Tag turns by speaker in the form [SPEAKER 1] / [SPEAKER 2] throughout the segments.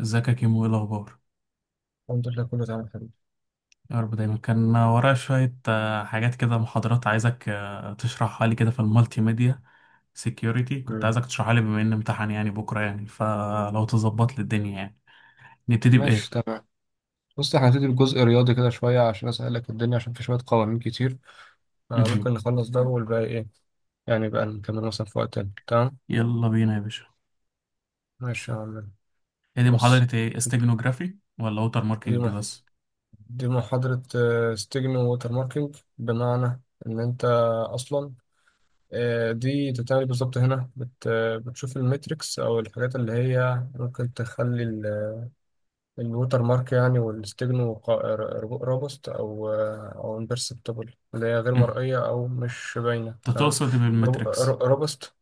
[SPEAKER 1] ازيك يا كيمو؟ ايه الاخبار؟
[SPEAKER 2] الحمد لله، كله تمام يا حبيبي.
[SPEAKER 1] يا رب دايما. كان ورايا شويه حاجات كده، محاضرات عايزك تشرحها لي كده في المالتي ميديا سيكيوريتي. كنت
[SPEAKER 2] مم.
[SPEAKER 1] عايزك تشرحها لي بما ان امتحان يعني بكره، يعني فلو تظبط لي الدنيا يعني. نبتدي
[SPEAKER 2] ماشي،
[SPEAKER 1] بايه؟
[SPEAKER 2] تمام. بص، احنا هنبتدي بجزء رياضي كده شوية عشان أسهلك الدنيا، عشان في شوية قوانين كتير، فممكن
[SPEAKER 1] مهم.
[SPEAKER 2] نخلص ده والباقي إيه يعني بقى نكمل مثلا في وقت تاني. تمام،
[SPEAKER 1] يلا بينا يا باشا.
[SPEAKER 2] ماشي يا عم.
[SPEAKER 1] هي دي
[SPEAKER 2] بص،
[SPEAKER 1] محاضره ايه، استيجنوجرافي ولا ووتر
[SPEAKER 2] دي
[SPEAKER 1] ماركينج
[SPEAKER 2] مح...
[SPEAKER 1] بس؟
[SPEAKER 2] دي محاضرة ستيجن ووتر ماركينج، بمعنى إن أنت أصلا، دي تتعمل بالظبط هنا. بتشوف الميتريكس أو الحاجات اللي هي ممكن تخلي الوتر مارك يعني، والاستجنو رابست، او امبرسبتبل، اللي هي غير
[SPEAKER 1] مهم.
[SPEAKER 2] مرئيه او مش باينه.
[SPEAKER 1] انت
[SPEAKER 2] تمام.
[SPEAKER 1] تقصد إيه بالمتريكس؟
[SPEAKER 2] رابست.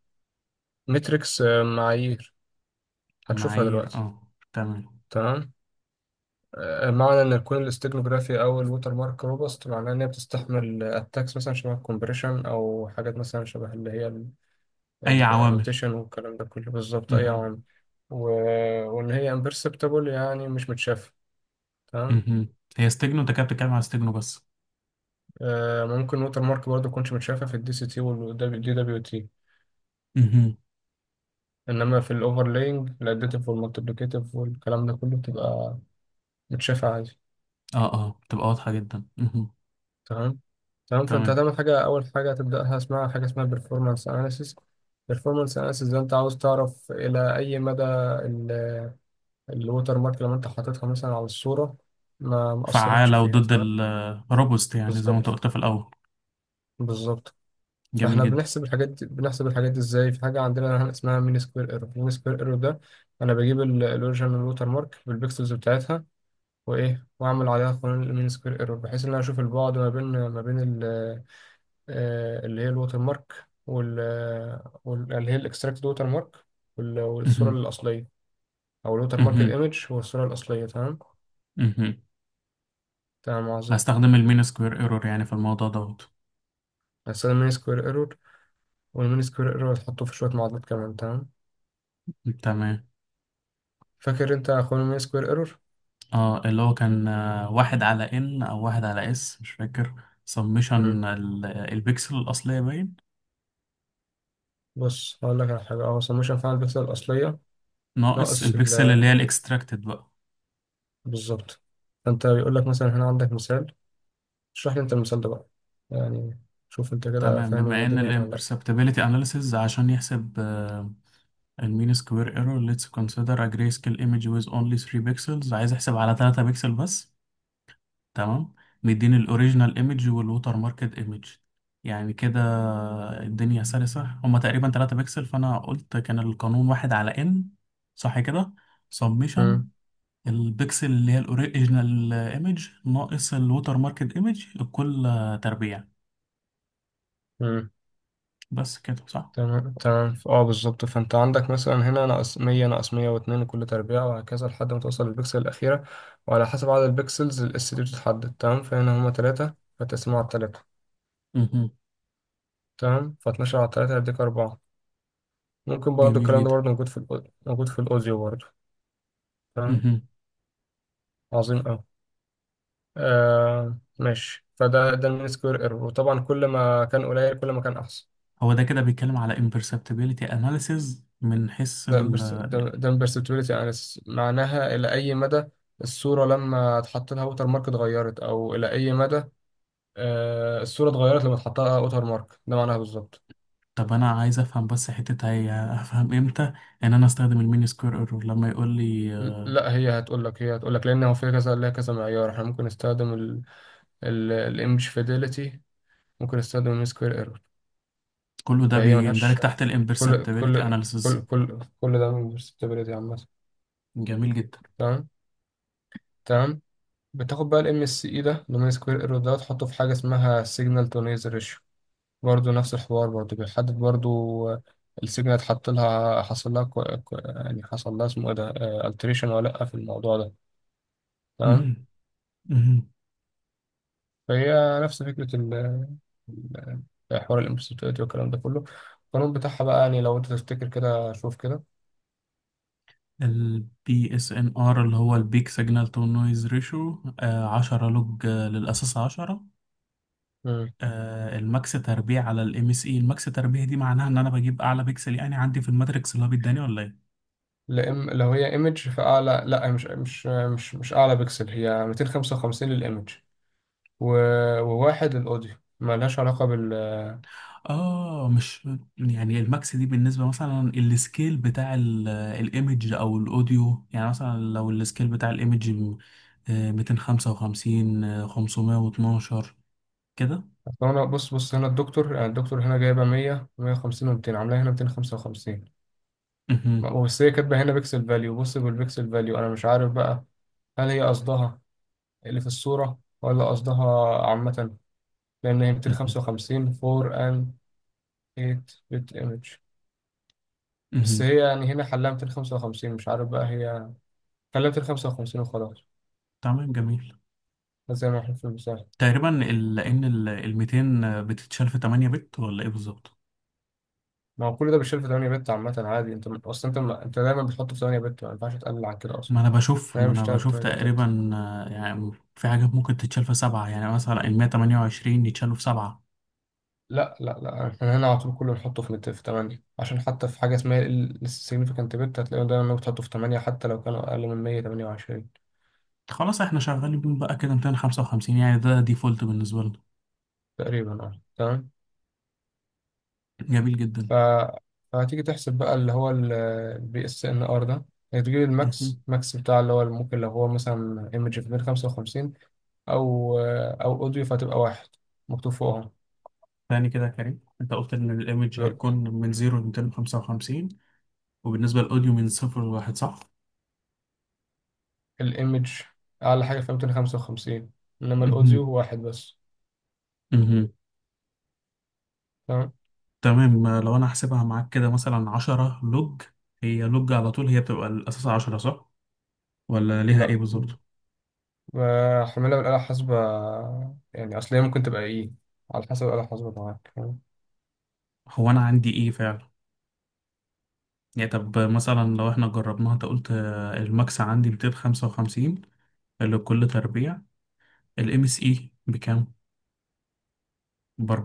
[SPEAKER 2] متريكس، معايير، هتشوفها
[SPEAKER 1] معايير،
[SPEAKER 2] دلوقتي.
[SPEAKER 1] اه تمام.
[SPEAKER 2] تمام. معنى ان يكون الاستجنوغرافي او الوتر مارك روبست معناه ان هي بتستحمل اتاكس مثلا شبه الكومبريشن، او حاجات مثلا شبه اللي هي
[SPEAKER 1] اي عوامل.
[SPEAKER 2] الروتيشن والكلام ده كله، بالظبط، اي
[SPEAKER 1] مهم.
[SPEAKER 2] عوامل. و- وان هي امبرسبتبل يعني مش متشافه. تمام.
[SPEAKER 1] مهم. هي استيجنو، انت كده بتتكلم على استيجنو بس؟
[SPEAKER 2] ممكن ووتر مارك برضه تكونش متشافة في الدي سي تي والدي دبليو تي،
[SPEAKER 1] مهم.
[SPEAKER 2] انما في الاوفرلاينج الاديتيف والمالتيبليكيتيف والكلام ده كله بتبقى متشافة عادي.
[SPEAKER 1] اه اه، تبقى واضحه جدا. مهم.
[SPEAKER 2] تمام، تمام. فانت
[SPEAKER 1] تمام،
[SPEAKER 2] هتعمل حاجة، اول حاجة هتبدأها اسمها حاجة اسمها performance analysis. performance analysis ده انت عاوز تعرف الى اي مدى ال- الووتر مارك لما انت حاططها مثلا على الصورة ما اثرتش
[SPEAKER 1] فعالة
[SPEAKER 2] فيها.
[SPEAKER 1] وضد
[SPEAKER 2] تمام،
[SPEAKER 1] الروبوست، يعني زي ما انت
[SPEAKER 2] بالظبط،
[SPEAKER 1] قلت في الأول.
[SPEAKER 2] بالظبط.
[SPEAKER 1] جميل
[SPEAKER 2] فاحنا
[SPEAKER 1] جدا.
[SPEAKER 2] بنحسب الحاجات دي، ازاي؟ في حاجه عندنا اسمها مين سكوير ايرور. مين سكوير ايرور ده انا بجيب الاوريجينال ووتر مارك بالبيكسلز بتاعتها، وايه، واعمل عليها قانون المين سكوير ايرور، بحيث ان انا اشوف البعد ما بين اللي هي الووتر مارك وال آه، وال- اللي هي الاكستراكت ووتر مارك، وال- والصوره
[SPEAKER 1] مهم.
[SPEAKER 2] الاصليه، او الووتر مارك
[SPEAKER 1] مهم.
[SPEAKER 2] الايمج والصوره الاصليه. تمام،
[SPEAKER 1] مهم.
[SPEAKER 2] تمام، عظيم.
[SPEAKER 1] هستخدم المين سكوير ايرور يعني في الموضوع دوت.
[SPEAKER 2] هستخدم مين سكوير ايرور، والمين سكوير ايرور هتحطه في شويه معادلات كمان. تمام.
[SPEAKER 1] تمام.
[SPEAKER 2] فاكر انت قانون المين سكوير ايرور؟
[SPEAKER 1] اه، اللي هو كان واحد على ان او واحد على اس، مش فاكر. سمشن البكسل الأصلية باين،
[SPEAKER 2] بص، هقول لك على حاجة. اه، سموشن فعلا البكسل الأصلية
[SPEAKER 1] ناقص
[SPEAKER 2] ناقص ال
[SPEAKER 1] البكسل اللي هي
[SPEAKER 2] آه،
[SPEAKER 1] الاكستراكتد بقى.
[SPEAKER 2] بالظبط. فأنت بيقول لك مثلا هنا عندك مثال، اشرح لي أنت المثال ده بقى يعني، شوف أنت كده
[SPEAKER 1] تمام.
[SPEAKER 2] فاهم
[SPEAKER 1] بما ان
[SPEAKER 2] الدنيا هنا ولا لأ.
[SPEAKER 1] الامبرسبتابيلتي اناليسيز عشان يحسب المين سكوير ايرور، ليتس كونسيدر ا جراي سكيل ايمج ويز اونلي 3 بيكسلز. عايز احسب على 3 بيكسل بس. تمام. مديني الاوريجينال ايمج والوتر ماركت ايمج، يعني كده الدنيا سلسة. هما تقريبا 3 بكسل، فانا قلت كان القانون واحد على ان، صح كده؟ سبميشن
[SPEAKER 2] مم.
[SPEAKER 1] البكسل اللي هي الاوريجينال ايمج ناقص الوتر ماركت ايمج الكل تربيع.
[SPEAKER 2] مم.
[SPEAKER 1] بس كده صح؟
[SPEAKER 2] تمام، تمام. بالظبط، فأنت عندك مثلا هنا ناقص 100 ناقص 102 كل تربيع وهكذا لحد ما توصل للبكسل الأخيرة، وعلى حسب عدد البكسلز الاس دي بتتحدد. تمام، فهنا هما تلاتة فتقسمه على تلاتة.
[SPEAKER 1] مهم.
[SPEAKER 2] تمام، ف12 على تلاتة هيديك أربعة. ممكن برضه
[SPEAKER 1] جميل
[SPEAKER 2] الكلام ده
[SPEAKER 1] جدا.
[SPEAKER 2] برضه موجود في الأوديو برضه. تمام،
[SPEAKER 1] مهم.
[SPEAKER 2] عظيم أوي. آه، ماشي، فده ده المين سكوير ايرور، وطبعا كل ما كان قليل كل ما كان احسن.
[SPEAKER 1] هو ده كده بيتكلم على imperceptibility analysis، من حيث؟
[SPEAKER 2] ده امبرسبتوريتي اناليسيس، معناها الى اي مدى الصوره لما اتحط لها ووتر مارك اتغيرت، او الى اي مدى الصوره اتغيرت لما اتحط لها ووتر مارك، ده معناها بالظبط.
[SPEAKER 1] طب انا عايز افهم بس حتة، هي افهم امتى ان انا استخدم المين سكوير ايرور لما يقول لي
[SPEAKER 2] لا، هي هتقول لك، لان هو في كذا، ليها كذا معيار، احنا ممكن نستخدم الايمج فيديليتي، ممكن نستخدم المين سكوير ايرور،
[SPEAKER 1] كله ده
[SPEAKER 2] فهي
[SPEAKER 1] بيندرج
[SPEAKER 2] ملهاش.
[SPEAKER 1] تحت
[SPEAKER 2] كل
[SPEAKER 1] الامبرسبتابيلتي
[SPEAKER 2] كل كل
[SPEAKER 1] اناليسيز.
[SPEAKER 2] كل كل ده من perceptibility عامة.
[SPEAKER 1] جميل جدا.
[SPEAKER 2] تمام، تمام. بتاخد بقى الام اس اي ده، دومين سكوير ايرور ده، تحطه في حاجه اسمها سيجنال تو نويز ريشيو، برضه نفس الحوار، برضه بيحدد برضه السيجنال اتحط لها، حصل لها يعني حصل لها اسمه ايه ده، التريشن ولا لا في الموضوع ده. تمام. فهي نفس فكره ال- حوار الامبسيتويتي والكلام ده كله. القانون بتاعها بقى، يعني لو انت تفتكر كده، شوف كده.
[SPEAKER 1] البي اس ان ار، اللي هو البيك سيجنال تو نويز ريشيو، 10 لوج للاساس 10.
[SPEAKER 2] مم.
[SPEAKER 1] الماكس تربيع على الام اس اي. الماكس تربيع دي معناها ان انا بجيب اعلى بيكسل يعني عندي في الماتريكس، اللي هو بيداني ولا إيه؟
[SPEAKER 2] لو هي ايمج فاعلى، لا، مش اعلى بكسل، هي 255 للايمج، و وواحد الأوديو، ملهاش علاقة بال.
[SPEAKER 1] اه مش. يعني الماكس دي بالنسبه مثلا السكيل بتاع الايمج او الاوديو، يعني مثلا لو السكيل بتاع الايمج 255، 512 كده.
[SPEAKER 2] أصل أنا، بص هنا الدكتور، يعني الدكتور هنا جايبة 100، 150 و200، عاملاها هنا 255.
[SPEAKER 1] مهم،
[SPEAKER 2] بس هي كاتبة هنا بيكسل فاليو، بص بالبيكسل فاليو، أنا مش عارف بقى، هل هي قصدها اللي في الصورة ولا قصدها عامة؟ لأن هي
[SPEAKER 1] مهم،
[SPEAKER 2] 255 4 and 8 bit image. بس
[SPEAKER 1] مهم.
[SPEAKER 2] هي يعني هنا حلها 255، مش عارف بقى، هي حلها 255 وخلاص،
[SPEAKER 1] تمام، جميل.
[SPEAKER 2] زي ما احنا في المثال.
[SPEAKER 1] تقريبا لان ال 200 بتتشال في 8 بت ولا ايه بالظبط؟
[SPEAKER 2] ما هو كل ده بيشتغل في 8 بت عامة عادي، انت م- اصلا انت م- انت دايما بتحطه في 8 بت، ما ينفعش تقلل عن كده اصلا.
[SPEAKER 1] ما انا بشوف
[SPEAKER 2] انا
[SPEAKER 1] ما
[SPEAKER 2] مش
[SPEAKER 1] انا
[SPEAKER 2] بشتغل في
[SPEAKER 1] بشوف
[SPEAKER 2] 8 بتات؟
[SPEAKER 1] تقريبا يعني في حاجات ممكن تتشال في سبعة، يعني مثلا ال 128 يتشالوا في سبعة.
[SPEAKER 2] لا لا لا، احنا هنا على طول كله بنحطه في 8، عشان حتى في حاجة اسمها ال significant بت، هتلاقيهم دايما انهم بتحطه في 8، حتى لو كانوا اقل من 128.
[SPEAKER 1] خلاص احنا شغالين بيهم بقى كده 255، يعني ده ديفولت بالنسبة لنا.
[SPEAKER 2] تقريبا، اه، تمام.
[SPEAKER 1] جميل
[SPEAKER 2] ف
[SPEAKER 1] جدا.
[SPEAKER 2] فهتيجي تحسب بقى اللي هو البي اس ان ار ده، هتجيب الماكس.
[SPEAKER 1] مهم.
[SPEAKER 2] ماكس بتاع اللي هو، ممكن لو هو مثلا ايمج في 155، او او اوديو، فهتبقى واحد مكتوب فوقهم.
[SPEAKER 1] تاني كده يا كريم، انت قلت ان الايمج هيكون من 0 ل 255، وبالنسبة للاوديو من 0 ل 1، صح؟
[SPEAKER 2] الايمج اعلى حاجه فيها 255، انما الاوديو
[SPEAKER 1] مهم.
[SPEAKER 2] هو واحد بس.
[SPEAKER 1] مهم.
[SPEAKER 2] تمام.
[SPEAKER 1] تمام. لو انا هحسبها معاك كده، مثلا 10 لوج. هي لوج على طول هي بتبقى الاساس 10، صح؟ ولا ليها ايه
[SPEAKER 2] لا،
[SPEAKER 1] بالظبط؟
[SPEAKER 2] حملها بالاله الحاسبه، يعني اصل هي ممكن تبقى ايه على حسب الاله الحاسبه معاك. تمام.
[SPEAKER 1] هو انا عندي ايه فعلا؟ يعني طب مثلا لو احنا جربناها، انت قلت الماكس عندي 255، اللي بكل تربيع. الام اس اي بكام؟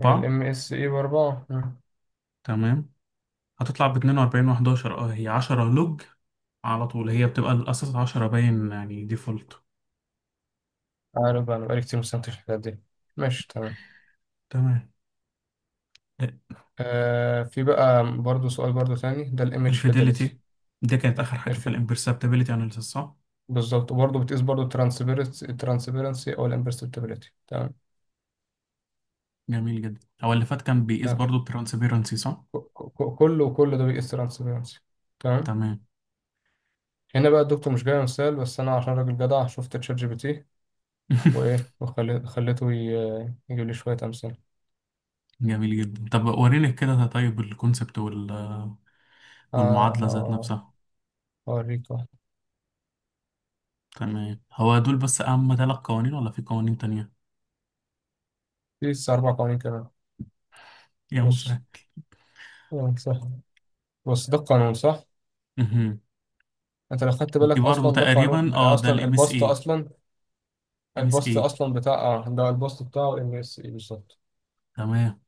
[SPEAKER 2] يعني الام اس اي باربعه.
[SPEAKER 1] تمام. هتطلع باتنين وأربعين وحداشر. اه، هي عشرة لوج على طول، هي بتبقى الأساس عشرة باين، يعني ديفولت.
[SPEAKER 2] عارف بقى، انا بقالي كتير مستمتعش في الحاجات دي. ماشي، تمام.
[SPEAKER 1] تمام.
[SPEAKER 2] آه، في بقى برضو سؤال برضو تاني، ده الايمج فيدلتي.
[SPEAKER 1] الفيديليتي دي كانت آخر حاجة في
[SPEAKER 2] الفيد
[SPEAKER 1] الامبرسبتابيلتي أناليسيس، صح؟
[SPEAKER 2] بالظبط، وبرضه بتقيس برضه الترانسبيرنسي، الترانسبيرنسي او الامبرسبتابيلتي. تمام،
[SPEAKER 1] جميل جدا. هو اللي فات كان بيقيس
[SPEAKER 2] تمام.
[SPEAKER 1] برضو الترانسبيرنسي، صح؟
[SPEAKER 2] كله ده بيقيس ترانسبيرنسي.
[SPEAKER 1] تمام.
[SPEAKER 2] هنا بقى الدكتور مش جاي مثال، بس انا عشان راجل جدع شفت تشات جي بي تي، وايه، وخلي- خليته يجيب لي شويه امثله.
[SPEAKER 1] جميل جدا. طب وريني كده ده. طيب الكونسبت وال،
[SPEAKER 2] ه-
[SPEAKER 1] والمعادلة ذات
[SPEAKER 2] ه-
[SPEAKER 1] نفسها.
[SPEAKER 2] هوريك واحد.
[SPEAKER 1] تمام. هو دول بس أهم ثلاث قوانين، ولا في قوانين تانية؟
[SPEAKER 2] في لسه اربع قوانين كمان.
[SPEAKER 1] يا
[SPEAKER 2] بص،
[SPEAKER 1] مسهل.
[SPEAKER 2] قانون صح، بص ده القانون صح.
[SPEAKER 1] مهم.
[SPEAKER 2] انت لو خدت
[SPEAKER 1] دي
[SPEAKER 2] بالك
[SPEAKER 1] برضو
[SPEAKER 2] اصلا ده قانون،
[SPEAKER 1] تقريبا اه،
[SPEAKER 2] ده
[SPEAKER 1] ده
[SPEAKER 2] اصلا
[SPEAKER 1] الام اس
[SPEAKER 2] البسط.
[SPEAKER 1] اي،
[SPEAKER 2] اصلا
[SPEAKER 1] ام اس ايه؟
[SPEAKER 2] بتاع، اه، ده البسط بتاعه ام اس اي بالظبط.
[SPEAKER 1] تمام،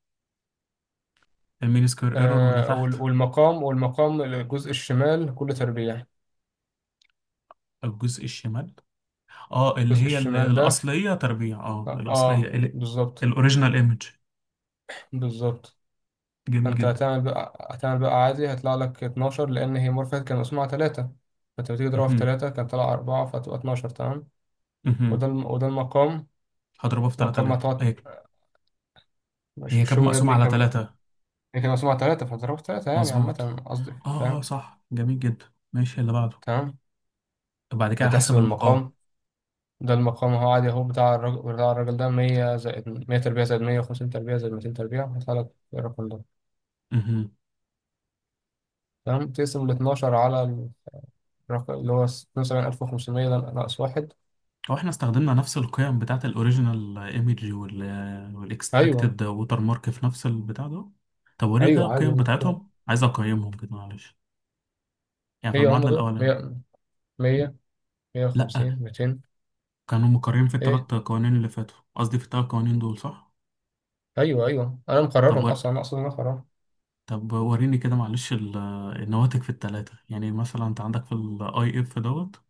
[SPEAKER 1] المين سكوير ايرور. ولا
[SPEAKER 2] آه
[SPEAKER 1] تحت،
[SPEAKER 2] وال- والمقام والمقام الجزء الشمال كله تربيع.
[SPEAKER 1] الجزء الشمال؟ اه، اللي
[SPEAKER 2] الجزء
[SPEAKER 1] هي
[SPEAKER 2] الشمال ده،
[SPEAKER 1] الاصليه تربيع. اه،
[SPEAKER 2] اه،
[SPEAKER 1] الاصليه،
[SPEAKER 2] بالظبط،
[SPEAKER 1] الاوريجينال ايمج.
[SPEAKER 2] بالظبط.
[SPEAKER 1] جميل
[SPEAKER 2] فانت
[SPEAKER 1] جدا.
[SPEAKER 2] هتعمل بقى، عادي هيطلع لك 12، لان هي مورفيت كان مسموعة 3، فانت بتيجي تضربها في
[SPEAKER 1] مهم.
[SPEAKER 2] 3 كان طلع 4 فتبقى 12. تمام.
[SPEAKER 1] مهم.
[SPEAKER 2] وده المقام.
[SPEAKER 1] هضربها في
[SPEAKER 2] مقام ما
[SPEAKER 1] 3000؟
[SPEAKER 2] تقعد،
[SPEAKER 1] ايوه.
[SPEAKER 2] مش,
[SPEAKER 1] هي
[SPEAKER 2] مش
[SPEAKER 1] كانت
[SPEAKER 2] هو يا
[SPEAKER 1] مقسومه
[SPEAKER 2] ابني
[SPEAKER 1] على
[SPEAKER 2] كان،
[SPEAKER 1] 3.
[SPEAKER 2] هي كان مسموعة 3 فضربها في 3، يعني
[SPEAKER 1] مظبوط.
[SPEAKER 2] عامة قصدي
[SPEAKER 1] اه اه
[SPEAKER 2] فاهم.
[SPEAKER 1] صح، جميل جدا. ماشي، اللي بعده.
[SPEAKER 2] تمام،
[SPEAKER 1] بعد كده حسب
[SPEAKER 2] هتحسب
[SPEAKER 1] المقام.
[SPEAKER 2] المقام. ده المقام اهو، عادي اهو، بتاع الراجل ده 100 زائد 100 تربيع زائد 150 تربيع زائد 200 تربيع، هيطلع لك الرقم ده.
[SPEAKER 1] مهم.
[SPEAKER 2] تمام، تقسم ال 12 على الرقم اللي هو 72,500 ده ناقص واحد.
[SPEAKER 1] هو احنا استخدمنا نفس القيم بتاعت الاوريجينال ايمج
[SPEAKER 2] ايوه.
[SPEAKER 1] والاكستراكتد ووتر مارك في نفس البتاع ده؟ طب وريني كده
[SPEAKER 2] ايوه عادي
[SPEAKER 1] القيم
[SPEAKER 2] يعني.
[SPEAKER 1] بتاعتهم، عايز اقيمهم كده معلش. يعني في
[SPEAKER 2] هي هم
[SPEAKER 1] المعادلة
[SPEAKER 2] دول
[SPEAKER 1] الأولانية.
[SPEAKER 2] 100، 100، 150،
[SPEAKER 1] لأ،
[SPEAKER 2] 200.
[SPEAKER 1] كانوا مكررين في
[SPEAKER 2] ايه،
[SPEAKER 1] التلات قوانين اللي فاتوا، قصدي في التلات قوانين دول، صح؟
[SPEAKER 2] ايوه، ايوه، انا
[SPEAKER 1] طب
[SPEAKER 2] مقررهم
[SPEAKER 1] ور...
[SPEAKER 2] اصلا، انا مقررهم.
[SPEAKER 1] طب وريني كده معلش النواتج في التلاتة، يعني مثلا أنت عندك في ال IF دوت،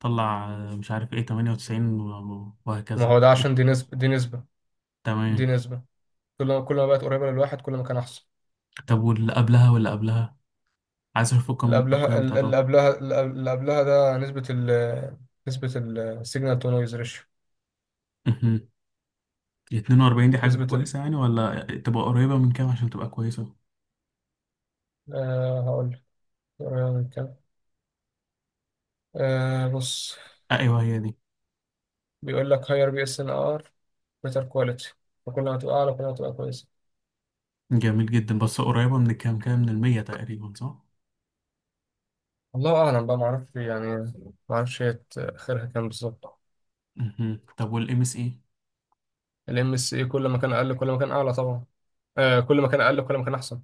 [SPEAKER 1] طلع مش عارف إيه 98
[SPEAKER 2] ما هو
[SPEAKER 1] وهكذا
[SPEAKER 2] ده
[SPEAKER 1] إيه.
[SPEAKER 2] عشان دي نسبة، دي نسبة،
[SPEAKER 1] تمام.
[SPEAKER 2] دي نسبة. كل ما، بقت قريبة للواحد كل ما كان احسن.
[SPEAKER 1] طب واللي قبلها عايز أشوف
[SPEAKER 2] اللي
[SPEAKER 1] القيم
[SPEAKER 2] قبلها،
[SPEAKER 1] القيم بتاعتهم.
[SPEAKER 2] اللي قبلها ده نسبة نسبة السيجنال تو نويز ريشيو.
[SPEAKER 1] مهم. 42 دي حاجة
[SPEAKER 2] نسبة ال
[SPEAKER 1] كويسة يعني، ولا تبقى قريبة من كام عشان تبقى كويسة؟
[SPEAKER 2] آه هقول لك قريبة من كام. آه، بص،
[SPEAKER 1] أيوه هي دي.
[SPEAKER 2] بيقول لك هاير بي اس ان ار بيتر كواليتي، فكل ما تبقى اعلى كل ما تبقى كويسة.
[SPEAKER 1] جميل جدا، بس قريبة من كام، كام من المية تقريبا، صح؟
[SPEAKER 2] الله اعلم بقى، ما اعرفش يعني، ما اعرفش هي اخرها كام بالظبط.
[SPEAKER 1] مهم. طب والام اس اي؟
[SPEAKER 2] الام اس اي كل ما كان اقل كل ما كان اعلى طبعا، آه كل ما كان اقل كل ما كان احسن.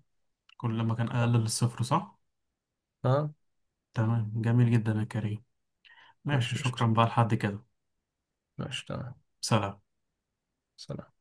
[SPEAKER 1] كل ما كان اقل للصفر، صح.
[SPEAKER 2] اه،
[SPEAKER 1] تمام، جميل جدا يا كريم. ماشي،
[SPEAKER 2] ماشي،
[SPEAKER 1] شكرا
[SPEAKER 2] قشطة.
[SPEAKER 1] بقى لحد كده.
[SPEAKER 2] ماشي، تمام.
[SPEAKER 1] سلام.
[SPEAKER 2] سلام.